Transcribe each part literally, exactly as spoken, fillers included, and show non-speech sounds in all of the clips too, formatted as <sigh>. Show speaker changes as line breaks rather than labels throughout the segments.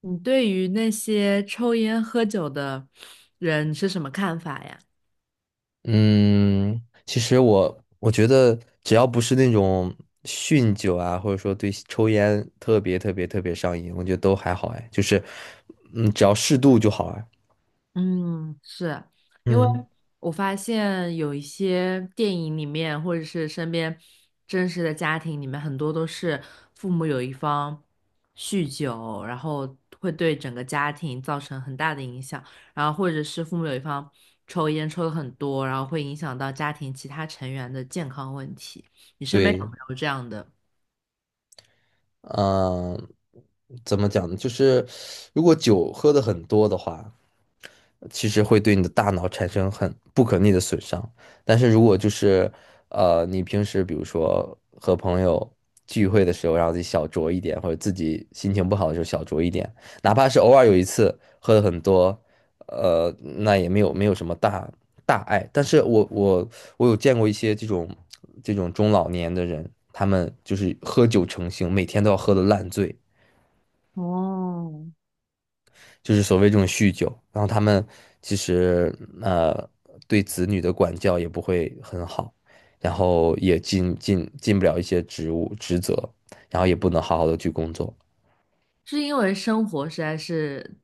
你对于那些抽烟喝酒的人是什么看法呀？
嗯，其实我我觉得，只要不是那种酗酒啊，或者说对抽烟特别特别特别上瘾，我觉得都还好哎，就是，嗯，只要适度就好哎。
嗯，是。因为
嗯，
我发现有一些电影里面，或者是身边真实的家庭里面，很多都是父母有一方酗酒，然后会对整个家庭造成很大的影响，然后或者是父母有一方抽烟抽的很多，然后会影响到家庭其他成员的健康问题。你身边有
对，
没有这样的？
嗯，怎么讲呢？就是如果酒喝的很多的话，其实会对你的大脑产生很不可逆的损伤。但是如果就是呃，你平时比如说和朋友聚会的时候，让自己小酌一点，或者自己心情不好的时候小酌一点，哪怕是偶尔有一次喝的很多，呃，那也没有没有什么大大碍。但是我我我有见过一些这种这种中老年的人，他们就是喝酒成性，每天都要喝的烂醉。就是所谓这种酗酒，然后他们其实呃对子女的管教也不会很好，然后也尽尽尽不了一些职务职责，然后也不能好好的去工作，
是因为生活实在是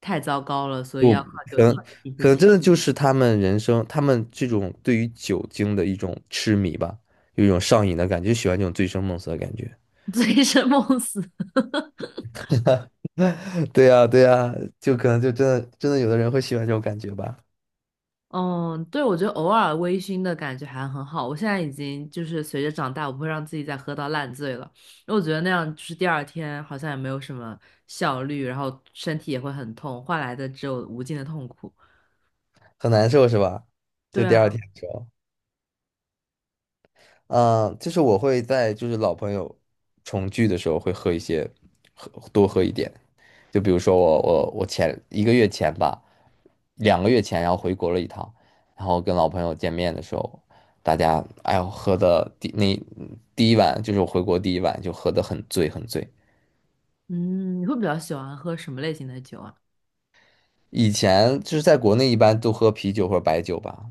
太糟糕了，所以
就
要靠酒
可能
精逼自
可能
己
真的就是他们人生，他们这种对于酒精的一种痴迷吧，有一种上瘾的感觉，就喜欢这种醉生梦死的感觉。
<laughs> 醉生梦死。
<laughs> 对呀，对呀，就可能就真的真的有的人会喜欢这种感觉吧，
嗯，对，我觉得偶尔微醺的感觉还很好。我现在已经就是随着长大，我不会让自己再喝到烂醉了，因为我觉得那样就是第二天好像也没有什么效率，然后身体也会很痛，换来的只有无尽的痛苦。
很难受是吧？就
对
第二
啊，
天的时候。嗯，呃就是我会在就是老朋友重聚的时候会喝一些，喝多喝一点。就比如说我我我前一个月前吧，两个月前，然后回国了一趟，然后跟老朋友见面的时候，大家哎呦喝的第那第一晚就是我回国第一晚就喝的很醉很醉。
嗯，你会比较喜欢喝什么类型的酒啊？
以前就是在国内一般都喝啤酒或者白酒吧，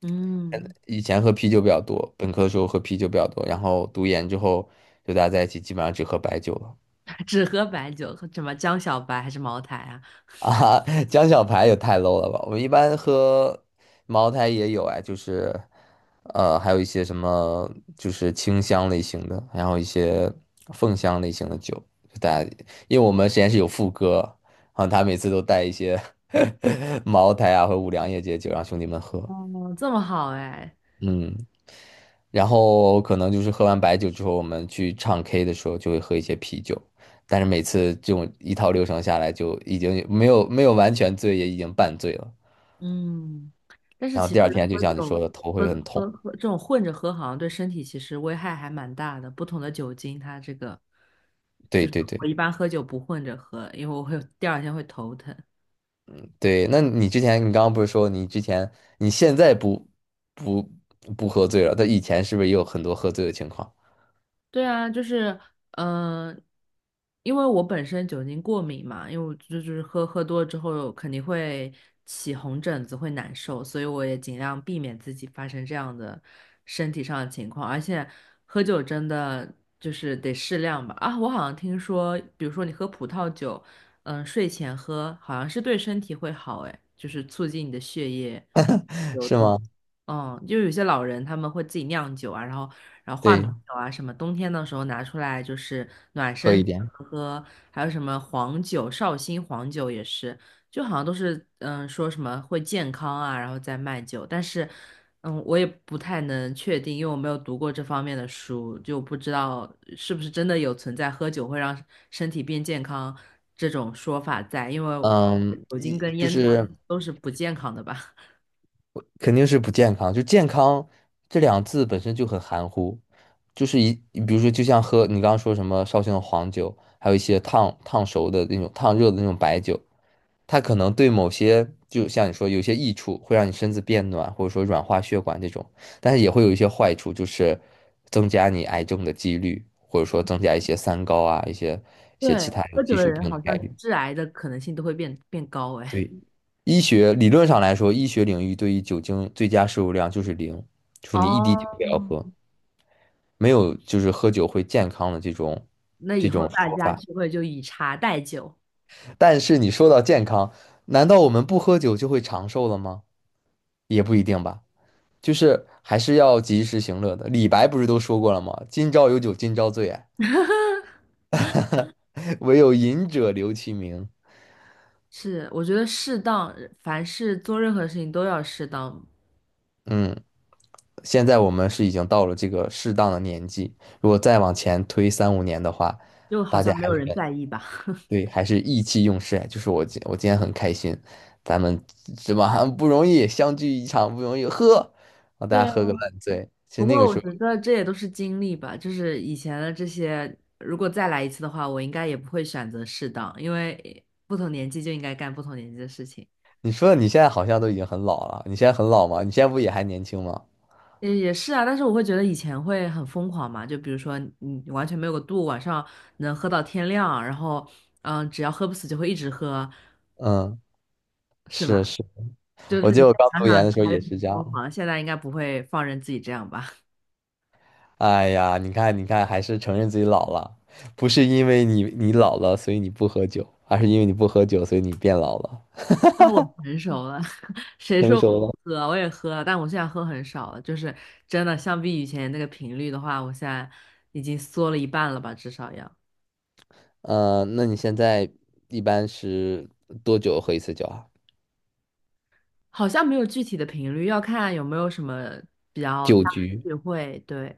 嗯，
以前喝啤酒比较多，本科的时候喝啤酒比较多，然后读研之后就大家在一起基本上只喝白酒了。
<laughs> 只喝白酒，喝什么江小白还是茅台啊？
啊，<laughs> 江小排也太 low 了吧！我们一般喝茅台也有哎，就是呃，还有一些什么就是清香类型的，然后一些凤香类型的酒。就大家，因为我们实验室有副歌，然后他每次都带一些 <laughs> 茅台啊和五粮液这些酒让兄弟们喝。
哦，这么好哎。
嗯，然后可能就是喝完白酒之后，我们去唱 K 的时候就会喝一些啤酒，但是每次这种一套流程下来，就已经没有没有完全醉，也已经半醉了。
嗯，但是
然后
其
第
实
二天就
喝
像你说
酒
的，头
喝
会
的
很
喝
痛。
喝这种混着喝，好像对身体其实危害还蛮大的。不同的酒精，它这个
对
就是
对对
我一般喝酒不混着喝，因为我会第二天会头疼。
对，那你之前你刚刚不是说你之前你现在不不不喝醉了，但以前是不是也有很多喝醉的情况？
对啊，就是，嗯、因为我本身酒精过敏嘛，因为我就是喝喝多了之后肯定会起红疹子，会难受，所以我也尽量避免自己发生这样的身体上的情况。而且喝酒真的就是得适量吧。啊，我好像听说，比如说你喝葡萄酒，嗯、睡前喝好像是对身体会好，哎，就是促进你的血液。
<laughs>
流
是
动。
吗？
嗯，就有些老人他们会自己酿酒啊，然后然后话梅
对，
酒啊，什么冬天的时候拿出来就是暖
喝一
身子
点。
喝喝，还有什么黄酒、绍兴黄酒也是，就好像都是嗯说什么会健康啊，然后再卖酒，但是嗯我也不太能确定，因为我没有读过这方面的书，就不知道是不是真的有存在喝酒会让身体变健康这种说法在，因为
嗯，
酒精
一
跟
就
烟草
是
都是不健康的吧。
肯定是不健康。就健康这两字本身就很含糊，就是一，比如说，就像喝你刚刚说什么绍兴的黄酒，还有一些烫烫熟的那种烫热的那种白酒，它可能对某些，就像你说，有些益处会让你身子变暖，或者说软化血管这种，但是也会有一些坏处，就是增加你癌症的几率，或者说增加一些三高啊，一些一些
对，
其他有
喝酒
基
的
础
人
病的
好
概
像
率。
致癌的可能性都会变变高哎。
对，医学理论上来说，医学领域对于酒精最佳摄入量就是零，就是你一滴
哦
酒不要喝，没有就是喝酒会健康的这种
<laughs>，那以
这
后
种
大
说
家
法。
聚会就以茶代酒。
但是你说到健康，难道我们不喝酒就会长寿了吗？也不一定吧，就是还是要及时行乐的。李白不是都说过了吗？今朝有酒今朝醉啊，<laughs> 唯有饮者留其名。
是，我觉得适当，凡事做任何事情都要适当，
嗯。现在我们是已经到了这个适当的年纪，如果再往前推三五年的话，
就好
大家
像没
还
有
是
人在
很
意吧。<laughs>
对，还是意气用事。就是我今我今天很开心，咱们是吧？不容易相聚一场，不容易，喝，让大
对
家
啊，
喝个烂醉。其实
不
那
过
个
我
时候，
觉得这也都是经历吧，就是以前的这些，如果再来一次的话，我应该也不会选择适当，因为不同年纪就应该干不同年纪的事情。
你说你现在好像都已经很老了，你现在很老吗？你现在不也还年轻吗？
也也是啊，但是我会觉得以前会很疯狂嘛，就比如说你完全没有个度，晚上能喝到天亮，然后嗯，只要喝不死就会一直喝，
嗯，
是
是
吧？
是，
就
我
是
记
你
得
现
我
在
刚
想
读研
想
的时候
还是
也是
很
这
疯
样。
狂的现在应该不会放任自己这样吧？
哎呀，你看，你看，还是承认自己老了，不是因为你你老了，所以你不喝酒，而是因为你不喝酒，所以你变老了，
<laughs> 那我成熟了，<laughs> 谁
成
说我
熟了。
不喝？我也喝了，但我现在喝很少了，就是真的相比以前那个频率的话，我现在已经缩了一半了吧，至少要。
呃，那你现在一般是多久喝一次酒啊？
好像没有具体的频率，要看有没有什么比较
酒
大
局？
的聚会，对。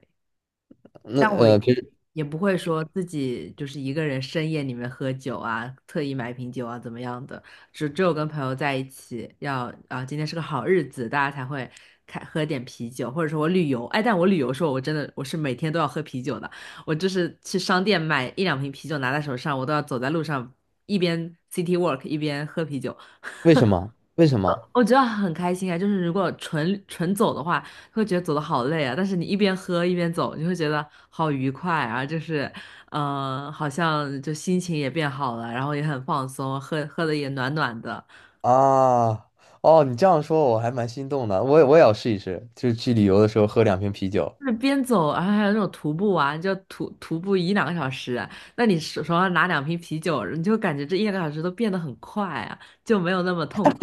那
但我
呃，平时
也不会说自己就是一个人深夜里面喝酒啊，特意买瓶酒啊怎么样的，只只有跟朋友在一起要啊，今天是个好日子，大家才会开喝点啤酒，或者说我旅游，哎，但我旅游的时候我真的我是每天都要喝啤酒的，我就是去商店买一两瓶啤酒拿在手上，我都要走在路上一边 city walk 一边喝啤酒，
为什么？为什么
我觉得很开心啊，就是如果纯纯走的话，会觉得走的好累啊。但是你一边喝一边走，你会觉得好愉快啊，就是，呃，好像就心情也变好了，然后也很放松，喝喝的也暖暖的。
啊？哦，你这样说我还蛮心动的，我也我也要试一试，就是去旅游的时候喝两瓶啤酒。
就是边走，然后还有那种徒步啊，你就徒徒步一两个小时啊，那你手手上拿两瓶啤酒，你就感觉这一两个小时都变得很快啊，就没有那么痛苦。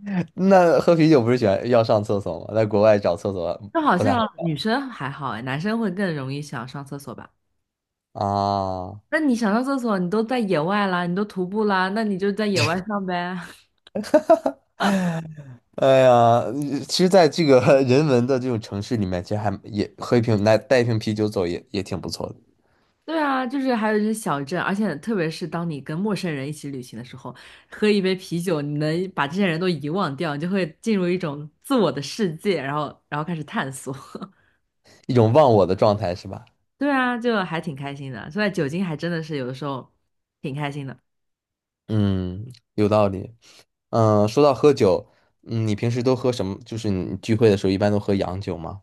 <laughs> 那喝啤酒不是喜欢要上厕所吗？在国外找厕所
就好
不太好
像女生还好哎，男生会更容易想上厕所吧。
找啊。
那你想上厕所，你都在野外啦，你都徒步啦，那你就在野外上呗。<laughs>
哎呀，其实，在这个 <laughs> 人文的这种城市里面，其实还也喝一瓶来带一瓶啤酒走也也挺不错的，
对啊，就是还有一些小镇，而且特别是当你跟陌生人一起旅行的时候，喝一杯啤酒，你能把这些人都遗忘掉，你就会进入一种自我的世界，然后然后开始探索。<laughs>
一种忘我的状态是吧？
对啊，就还挺开心的，所以酒精还真的是有的时候挺开心的。
嗯，有道理。嗯，说到喝酒，嗯，你平时都喝什么？就是你聚会的时候一般都喝洋酒吗？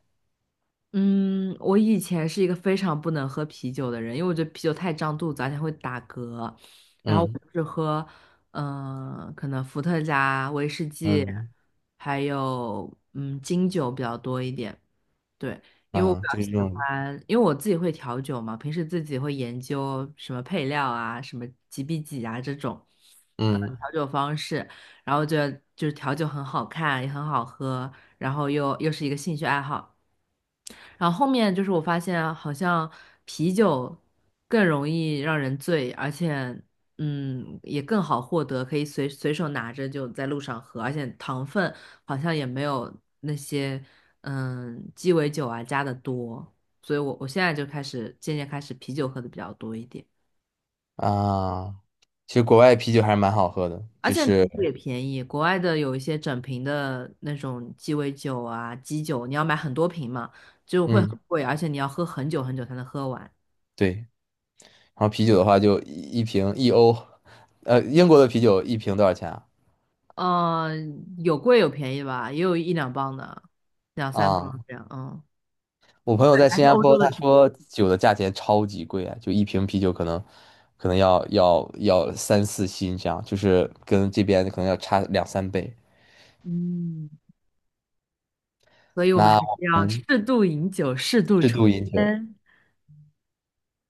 嗯，我以前是一个非常不能喝啤酒的人，因为我觉得啤酒太胀肚子，而且会打嗝。然后我
嗯
只喝，嗯、可能伏特加、威士忌，
嗯
还有嗯金酒比较多一点。对，因为我
啊，
比较
就是这
喜
种
欢，因为我自己会调酒嘛，平时自己会研究什么配料啊、什么几比几啊这种，呃，
嗯
调酒方式。然后觉得就是调酒很好看，也很好喝，然后又又是一个兴趣爱好。然后后面就是我发现啊，好像啤酒更容易让人醉，而且嗯也更好获得，可以随随手拿着就在路上喝，而且糖分好像也没有那些嗯鸡尾酒啊加的多，所以我我现在就开始渐渐开始啤酒喝的比较多一点，
啊，其实国外啤酒还是蛮好喝的，
而
就
且啤
是
酒也便宜，国外的有一些整瓶的那种鸡尾酒啊基酒，你要买很多瓶嘛，就会
嗯
很贵，而且你要喝很久很久才能喝完。
对，然后啤酒的话就一一瓶一欧，呃，英国的啤酒一瓶多少钱啊？
嗯，有贵有便宜吧，也有一两磅的，两三磅
啊。
这样，嗯
我朋友
对，
在
还
新
是
加
欧
坡，
洲
他
的便宜。
说酒的价钱超级贵啊，就一瓶啤酒可能可能要要要三四新这样，就是跟这边可能要差两三倍。
嗯，所以我们还
那
是
我
要
们
适度饮酒，适度
适
抽
度饮酒，
烟。